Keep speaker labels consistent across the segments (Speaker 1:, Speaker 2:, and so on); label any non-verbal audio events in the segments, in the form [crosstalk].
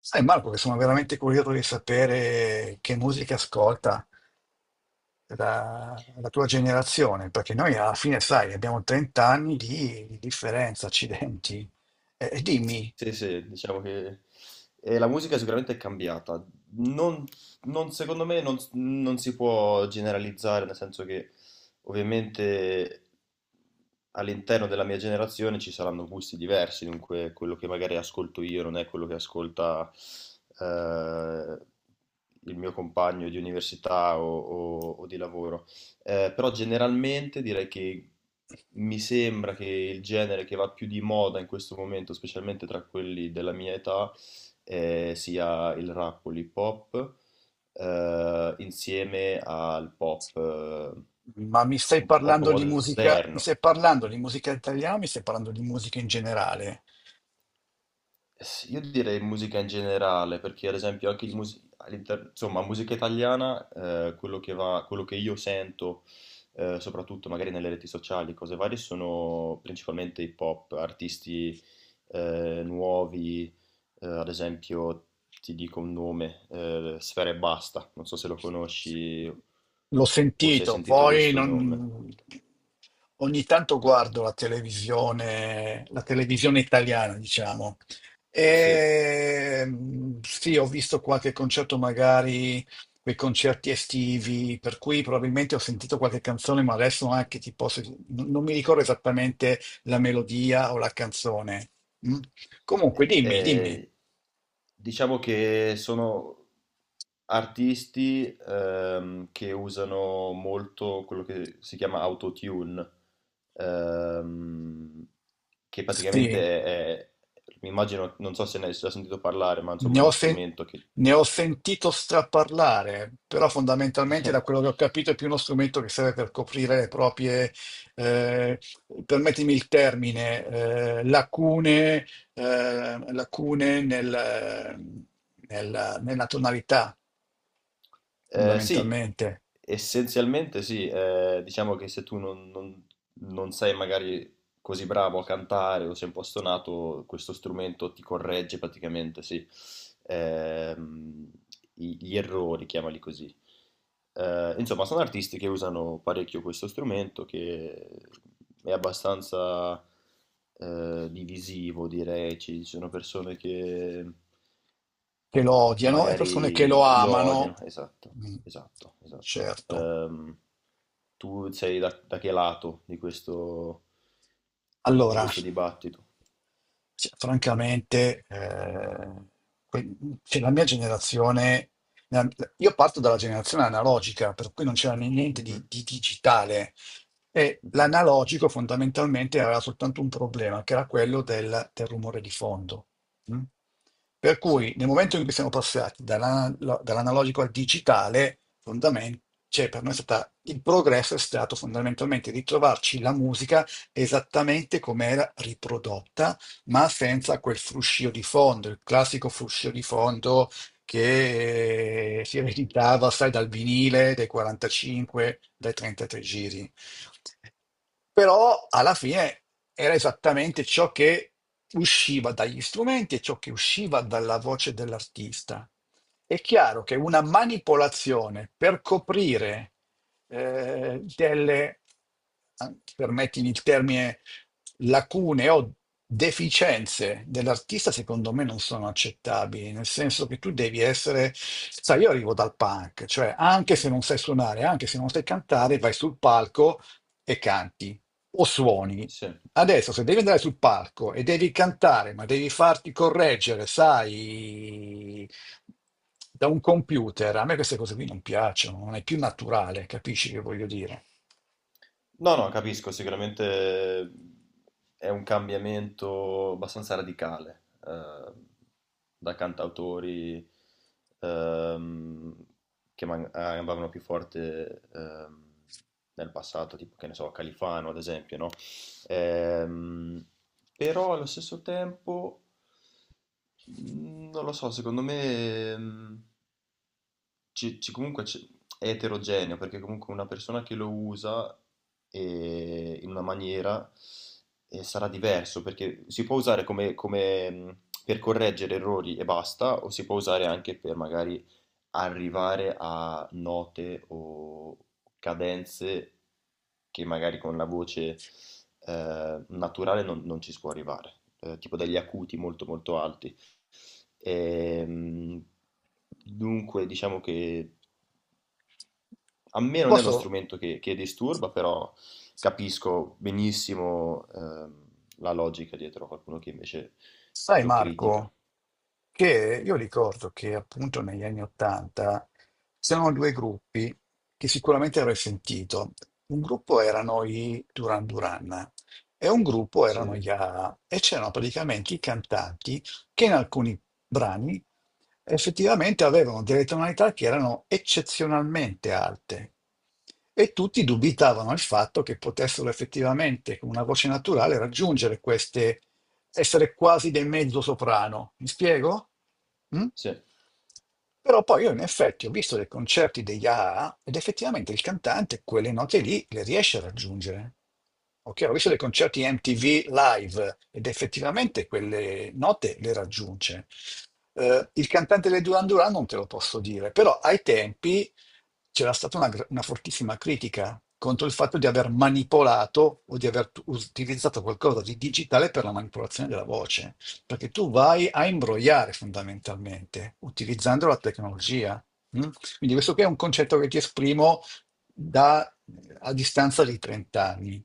Speaker 1: Sai Marco che sono veramente curioso di sapere che musica ascolta la tua generazione, perché noi alla fine, sai, abbiamo 30 anni di differenza, accidenti. E dimmi,
Speaker 2: Sì, sì, diciamo che la musica sicuramente è cambiata. Non, Secondo me non si può generalizzare, nel senso che ovviamente all'interno della mia generazione ci saranno gusti diversi, dunque quello che magari ascolto io non è quello che ascolta eh, il mio compagno di università o o di lavoro. Però generalmente direi che mi sembra che il genere che va più di moda in questo momento, specialmente tra quelli della mia età, sia il rap o l'hip hop, insieme al pop,
Speaker 1: ma mi stai
Speaker 2: un pop
Speaker 1: parlando di musica, mi
Speaker 2: moderno.
Speaker 1: stai parlando di musica italiana o mi stai parlando di musica in generale?
Speaker 2: Io direi musica in generale, perché ad esempio anche insomma, musica italiana, quello che io sento, soprattutto magari nelle reti sociali, cose varie, sono principalmente hip hop, artisti nuovi, ad esempio ti dico un nome, Sfera Ebbasta, non so se lo conosci
Speaker 1: L'ho
Speaker 2: o se hai
Speaker 1: sentito,
Speaker 2: sentito
Speaker 1: poi
Speaker 2: questo nome.
Speaker 1: non- ogni tanto guardo la televisione italiana, diciamo.
Speaker 2: Sì.
Speaker 1: E, mm, sì, ho visto qualche concerto, magari quei concerti estivi, per cui probabilmente ho sentito qualche canzone, ma adesso anche ti posso. Non mi ricordo esattamente la melodia o la canzone. Mm? Comunque, dimmi, dimmi.
Speaker 2: Ehm, diciamo che sono artisti, che usano molto quello che si chiama autotune, ehm, che
Speaker 1: Sì.
Speaker 2: praticamente mi immagino, non so se ne hai già sentito parlare, ma insomma
Speaker 1: Ne
Speaker 2: è
Speaker 1: ho,
Speaker 2: uno
Speaker 1: sen-
Speaker 2: strumento che
Speaker 1: Ne ho sentito straparlare, però fondamentalmente da quello che ho
Speaker 2: [laughs]
Speaker 1: capito è più uno strumento che serve per coprire le proprie, eh, permettimi il termine, lacune, eh, lacune nel- nella tonalità,
Speaker 2: Sì,
Speaker 1: fondamentalmente,
Speaker 2: essenzialmente sì, diciamo che se tu non sei magari così bravo a cantare o sei un po' stonato, questo strumento ti corregge praticamente, sì, Ehm, gli errori, chiamali così. Insomma, sono artisti che usano parecchio questo strumento che è abbastanza divisivo, direi. Ci sono persone che
Speaker 1: che lo odiano e persone che lo
Speaker 2: magari lo
Speaker 1: amano.
Speaker 2: odiano, esatto,
Speaker 1: Mm.
Speaker 2: esatto, esatto.
Speaker 1: Certo.
Speaker 2: Tu sei da, da che lato di di
Speaker 1: Allora,
Speaker 2: questo dibattito?
Speaker 1: cioè, francamente, que- cioè, la mia generazione, la- io parto dalla generazione analogica, per cui non c'era niente di,
Speaker 2: Mhm,
Speaker 1: di digitale. E
Speaker 2: mhm.
Speaker 1: l'analogico fondamentalmente aveva soltanto un problema, che era quello del rumore di fondo. Mm? Per cui
Speaker 2: Sì,
Speaker 1: nel momento in cui siamo passati dall'analogico al digitale, cioè, per noi è stata, il progresso è stato fondamentalmente ritrovarci la musica esattamente come era riprodotta, ma senza quel fruscio di fondo, il classico fruscio di fondo che si ereditava, sai, dal vinile, dai 45, dai 33 giri. Però alla fine era esattamente ciò che usciva dagli strumenti e ciò che usciva dalla voce dell'artista. È chiaro che una manipolazione per coprire delle, permettimi il termine, lacune o deficienze dell'artista, secondo me non sono accettabili, nel senso che tu devi essere, sai, io arrivo dal punk, cioè anche se non sai suonare, anche se non sai cantare, vai sul palco e canti o suoni.
Speaker 2: sì.
Speaker 1: Adesso, se devi andare sul palco e devi cantare, ma devi farti correggere, sai, da un computer, a me queste cose qui non piacciono, non è più naturale, capisci che voglio dire?
Speaker 2: No, no, capisco, sicuramente è un cambiamento abbastanza radicale da cantautori ehm, che andavano più forte nel passato, tipo, che ne so, Califano ad esempio, no? Ehm, Però allo stesso tempo, mm, non lo so, secondo me, mm, è eterogeneo perché comunque una persona che lo usa in una maniera sarà diverso perché si può usare come, per correggere errori e basta o si può usare anche per magari arrivare a note o cadenze che magari con la voce naturale non ci si può arrivare, tipo degli acuti molto molto alti. Ehm, dunque diciamo che a me non è uno
Speaker 1: Posso.
Speaker 2: strumento che disturba, però capisco benissimo la logica dietro a qualcuno che invece
Speaker 1: Sai
Speaker 2: lo critica.
Speaker 1: Marco, che io ricordo che appunto negli anni Ottanta c'erano due gruppi che sicuramente avrai sentito. Un gruppo erano i Duran Duran e un gruppo erano
Speaker 2: Sì,
Speaker 1: gli A A e c'erano praticamente i cantanti che in alcuni brani effettivamente avevano delle tonalità che erano eccezionalmente alte e tutti dubitavano il fatto che potessero effettivamente con una voce naturale raggiungere queste, essere quasi dei mezzo soprano. Mi spiego? Mm?
Speaker 2: sì,
Speaker 1: Però poi io in effetti ho visto dei concerti degli AA ed effettivamente il cantante quelle note lì le riesce a raggiungere. Ok, ho visto dei
Speaker 2: sì.
Speaker 1: concerti MTV live ed effettivamente quelle note le raggiunge. Il cantante dei Duran Duran non te lo posso dire, però ai tempi c'era stata una fortissima critica contro il fatto di aver manipolato o di aver utilizzato qualcosa di digitale per la manipolazione della voce, perché tu vai a imbrogliare fondamentalmente utilizzando la tecnologia. Mm? Quindi questo qui è un concetto che ti esprimo da, a distanza di 30 anni.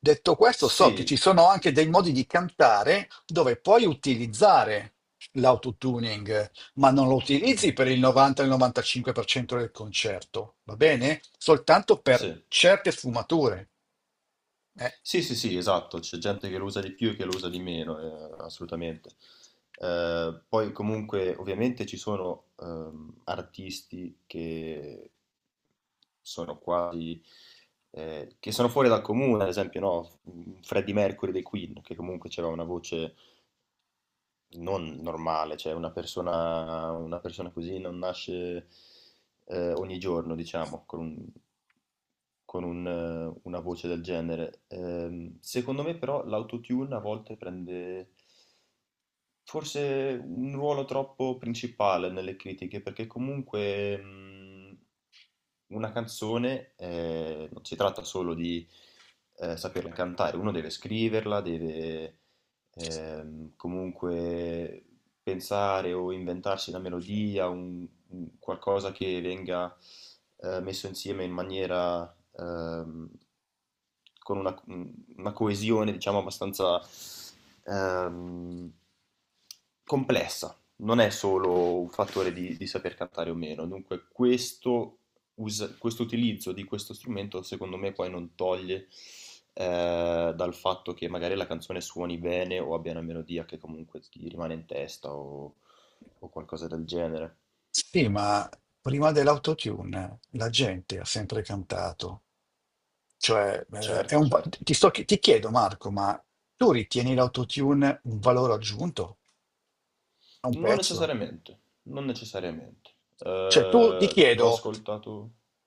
Speaker 1: Detto questo, so che ci
Speaker 2: Sì,
Speaker 1: sono anche dei modi di cantare dove puoi utilizzare l'autotuning, ma non lo
Speaker 2: mhm,
Speaker 1: utilizzi per il 90-95% del concerto, va bene? Soltanto per
Speaker 2: sì.
Speaker 1: certe sfumature. eh.
Speaker 2: Sì, sì, sì, esatto, c'è gente che lo usa di più e che lo usa di meno, assolutamente. Poi comunque ovviamente ci sono artisti che sono quasi, che sono fuori dal comune, ad esempio no? Freddie Mercury dei Queen, che comunque aveva una voce non normale, cioè una persona così non nasce ogni giorno, diciamo, con un, una voce del genere. Secondo me però l'autotune a volte prende forse un ruolo troppo principale nelle critiche, perché comunque una canzone non si tratta solo di saperla cantare, uno deve scriverla, deve, comunque, pensare o inventarsi una melodia, un qualcosa che venga messo insieme in maniera ehm, con una coesione, diciamo, abbastanza ehm, complessa, non è solo un fattore di saper cantare o meno, dunque questo, questo utilizzo di questo strumento secondo me poi non toglie dal fatto che magari la canzone suoni bene o abbia una melodia che comunque ti rimane in testa o qualcosa del genere.
Speaker 1: Sì, ma prima dell'autotune la gente ha sempre cantato. Cioè, è
Speaker 2: Certo,
Speaker 1: un va-
Speaker 2: certo.
Speaker 1: ti sto chi- ti chiedo, Marco, ma tu ritieni l'autotune un valore aggiunto a un
Speaker 2: Non
Speaker 1: pezzo?
Speaker 2: necessariamente, non necessariamente.
Speaker 1: Cioè, tu ti
Speaker 2: Ho
Speaker 1: chiedo.
Speaker 2: ascoltato.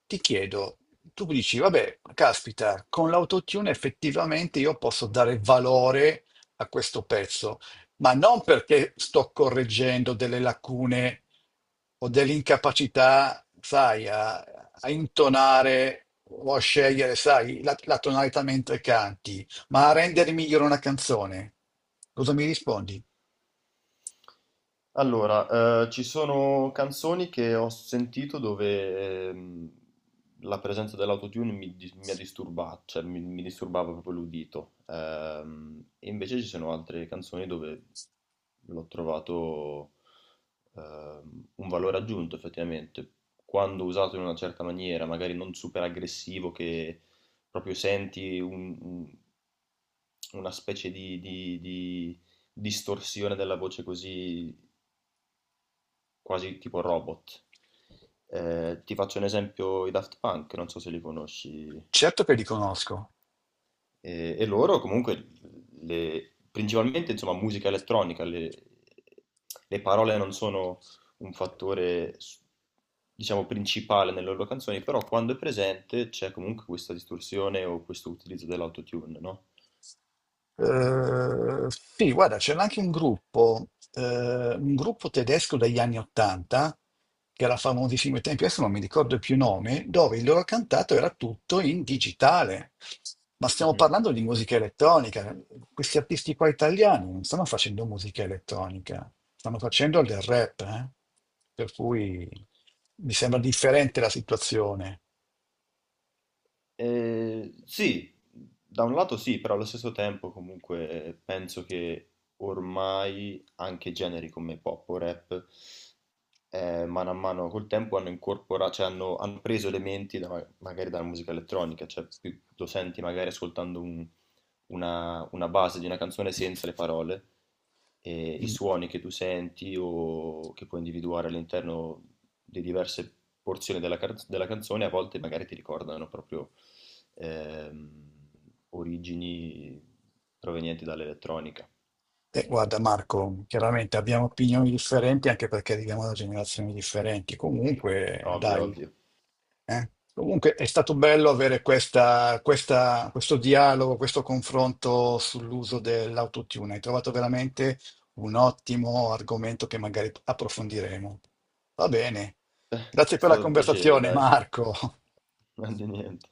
Speaker 1: Ti chiedo, tu dici, vabbè, caspita, con l'autotune effettivamente io posso dare valore a questo pezzo, ma non perché sto correggendo delle lacune o dell'incapacità, sai, a intonare o a scegliere, sai, la tonalità mentre canti, ma a rendere migliore una canzone. Cosa mi rispondi?
Speaker 2: Allora, ci sono canzoni che ho sentito dove la presenza dell'autotune mi ha disturbato, cioè mi disturbava proprio l'udito. E invece ci sono altre canzoni dove l'ho trovato un valore aggiunto effettivamente. Quando usato in una certa maniera, magari non super aggressivo, che proprio senti una specie di distorsione della voce così quasi tipo robot. Ti faccio un esempio, i Daft Punk, non so se li conosci,
Speaker 1: Certo che li conosco.
Speaker 2: e loro comunque, principalmente insomma musica elettronica, le parole non sono un fattore, diciamo, principale nelle loro canzoni, però quando è presente c'è comunque questa distorsione o questo utilizzo dell'autotune, no?
Speaker 1: Sì, guarda, c'era anche un gruppo tedesco degli anni Ottanta, che era famosissimo ai tempi, adesso non mi ricordo più il nome, dove il loro cantato era tutto in digitale. Ma stiamo
Speaker 2: Mhm.
Speaker 1: parlando di musica elettronica. Questi artisti qua italiani non stanno facendo musica elettronica, stanno facendo del rap, eh. Per cui mi sembra differente la situazione.
Speaker 2: Sì, da un lato sì, però allo stesso tempo comunque penso che ormai anche generi come pop o rap mano a mano col tempo hanno incorporato, cioè hanno preso elementi magari dalla musica elettronica, cioè più lo senti magari ascoltando una base di una canzone senza le parole, e i
Speaker 1: Mm.
Speaker 2: suoni che tu senti o che puoi individuare all'interno di diverse porzioni della canzone a volte magari ti ricordano proprio Ehm, origini provenienti dall'elettronica.
Speaker 1: Guarda Marco, chiaramente abbiamo opinioni differenti anche perché arriviamo da generazioni differenti. Comunque,
Speaker 2: Ovvio,
Speaker 1: dai,
Speaker 2: ovvio.
Speaker 1: eh. Comunque è stato bello avere questo dialogo, questo confronto sull'uso dell'autotune. Hai trovato veramente un ottimo argomento che magari approfondiremo. Va bene.
Speaker 2: [laughs] È
Speaker 1: Grazie per la
Speaker 2: stato un piacere,
Speaker 1: conversazione,
Speaker 2: dai.
Speaker 1: Marco.
Speaker 2: [laughs] Non di niente.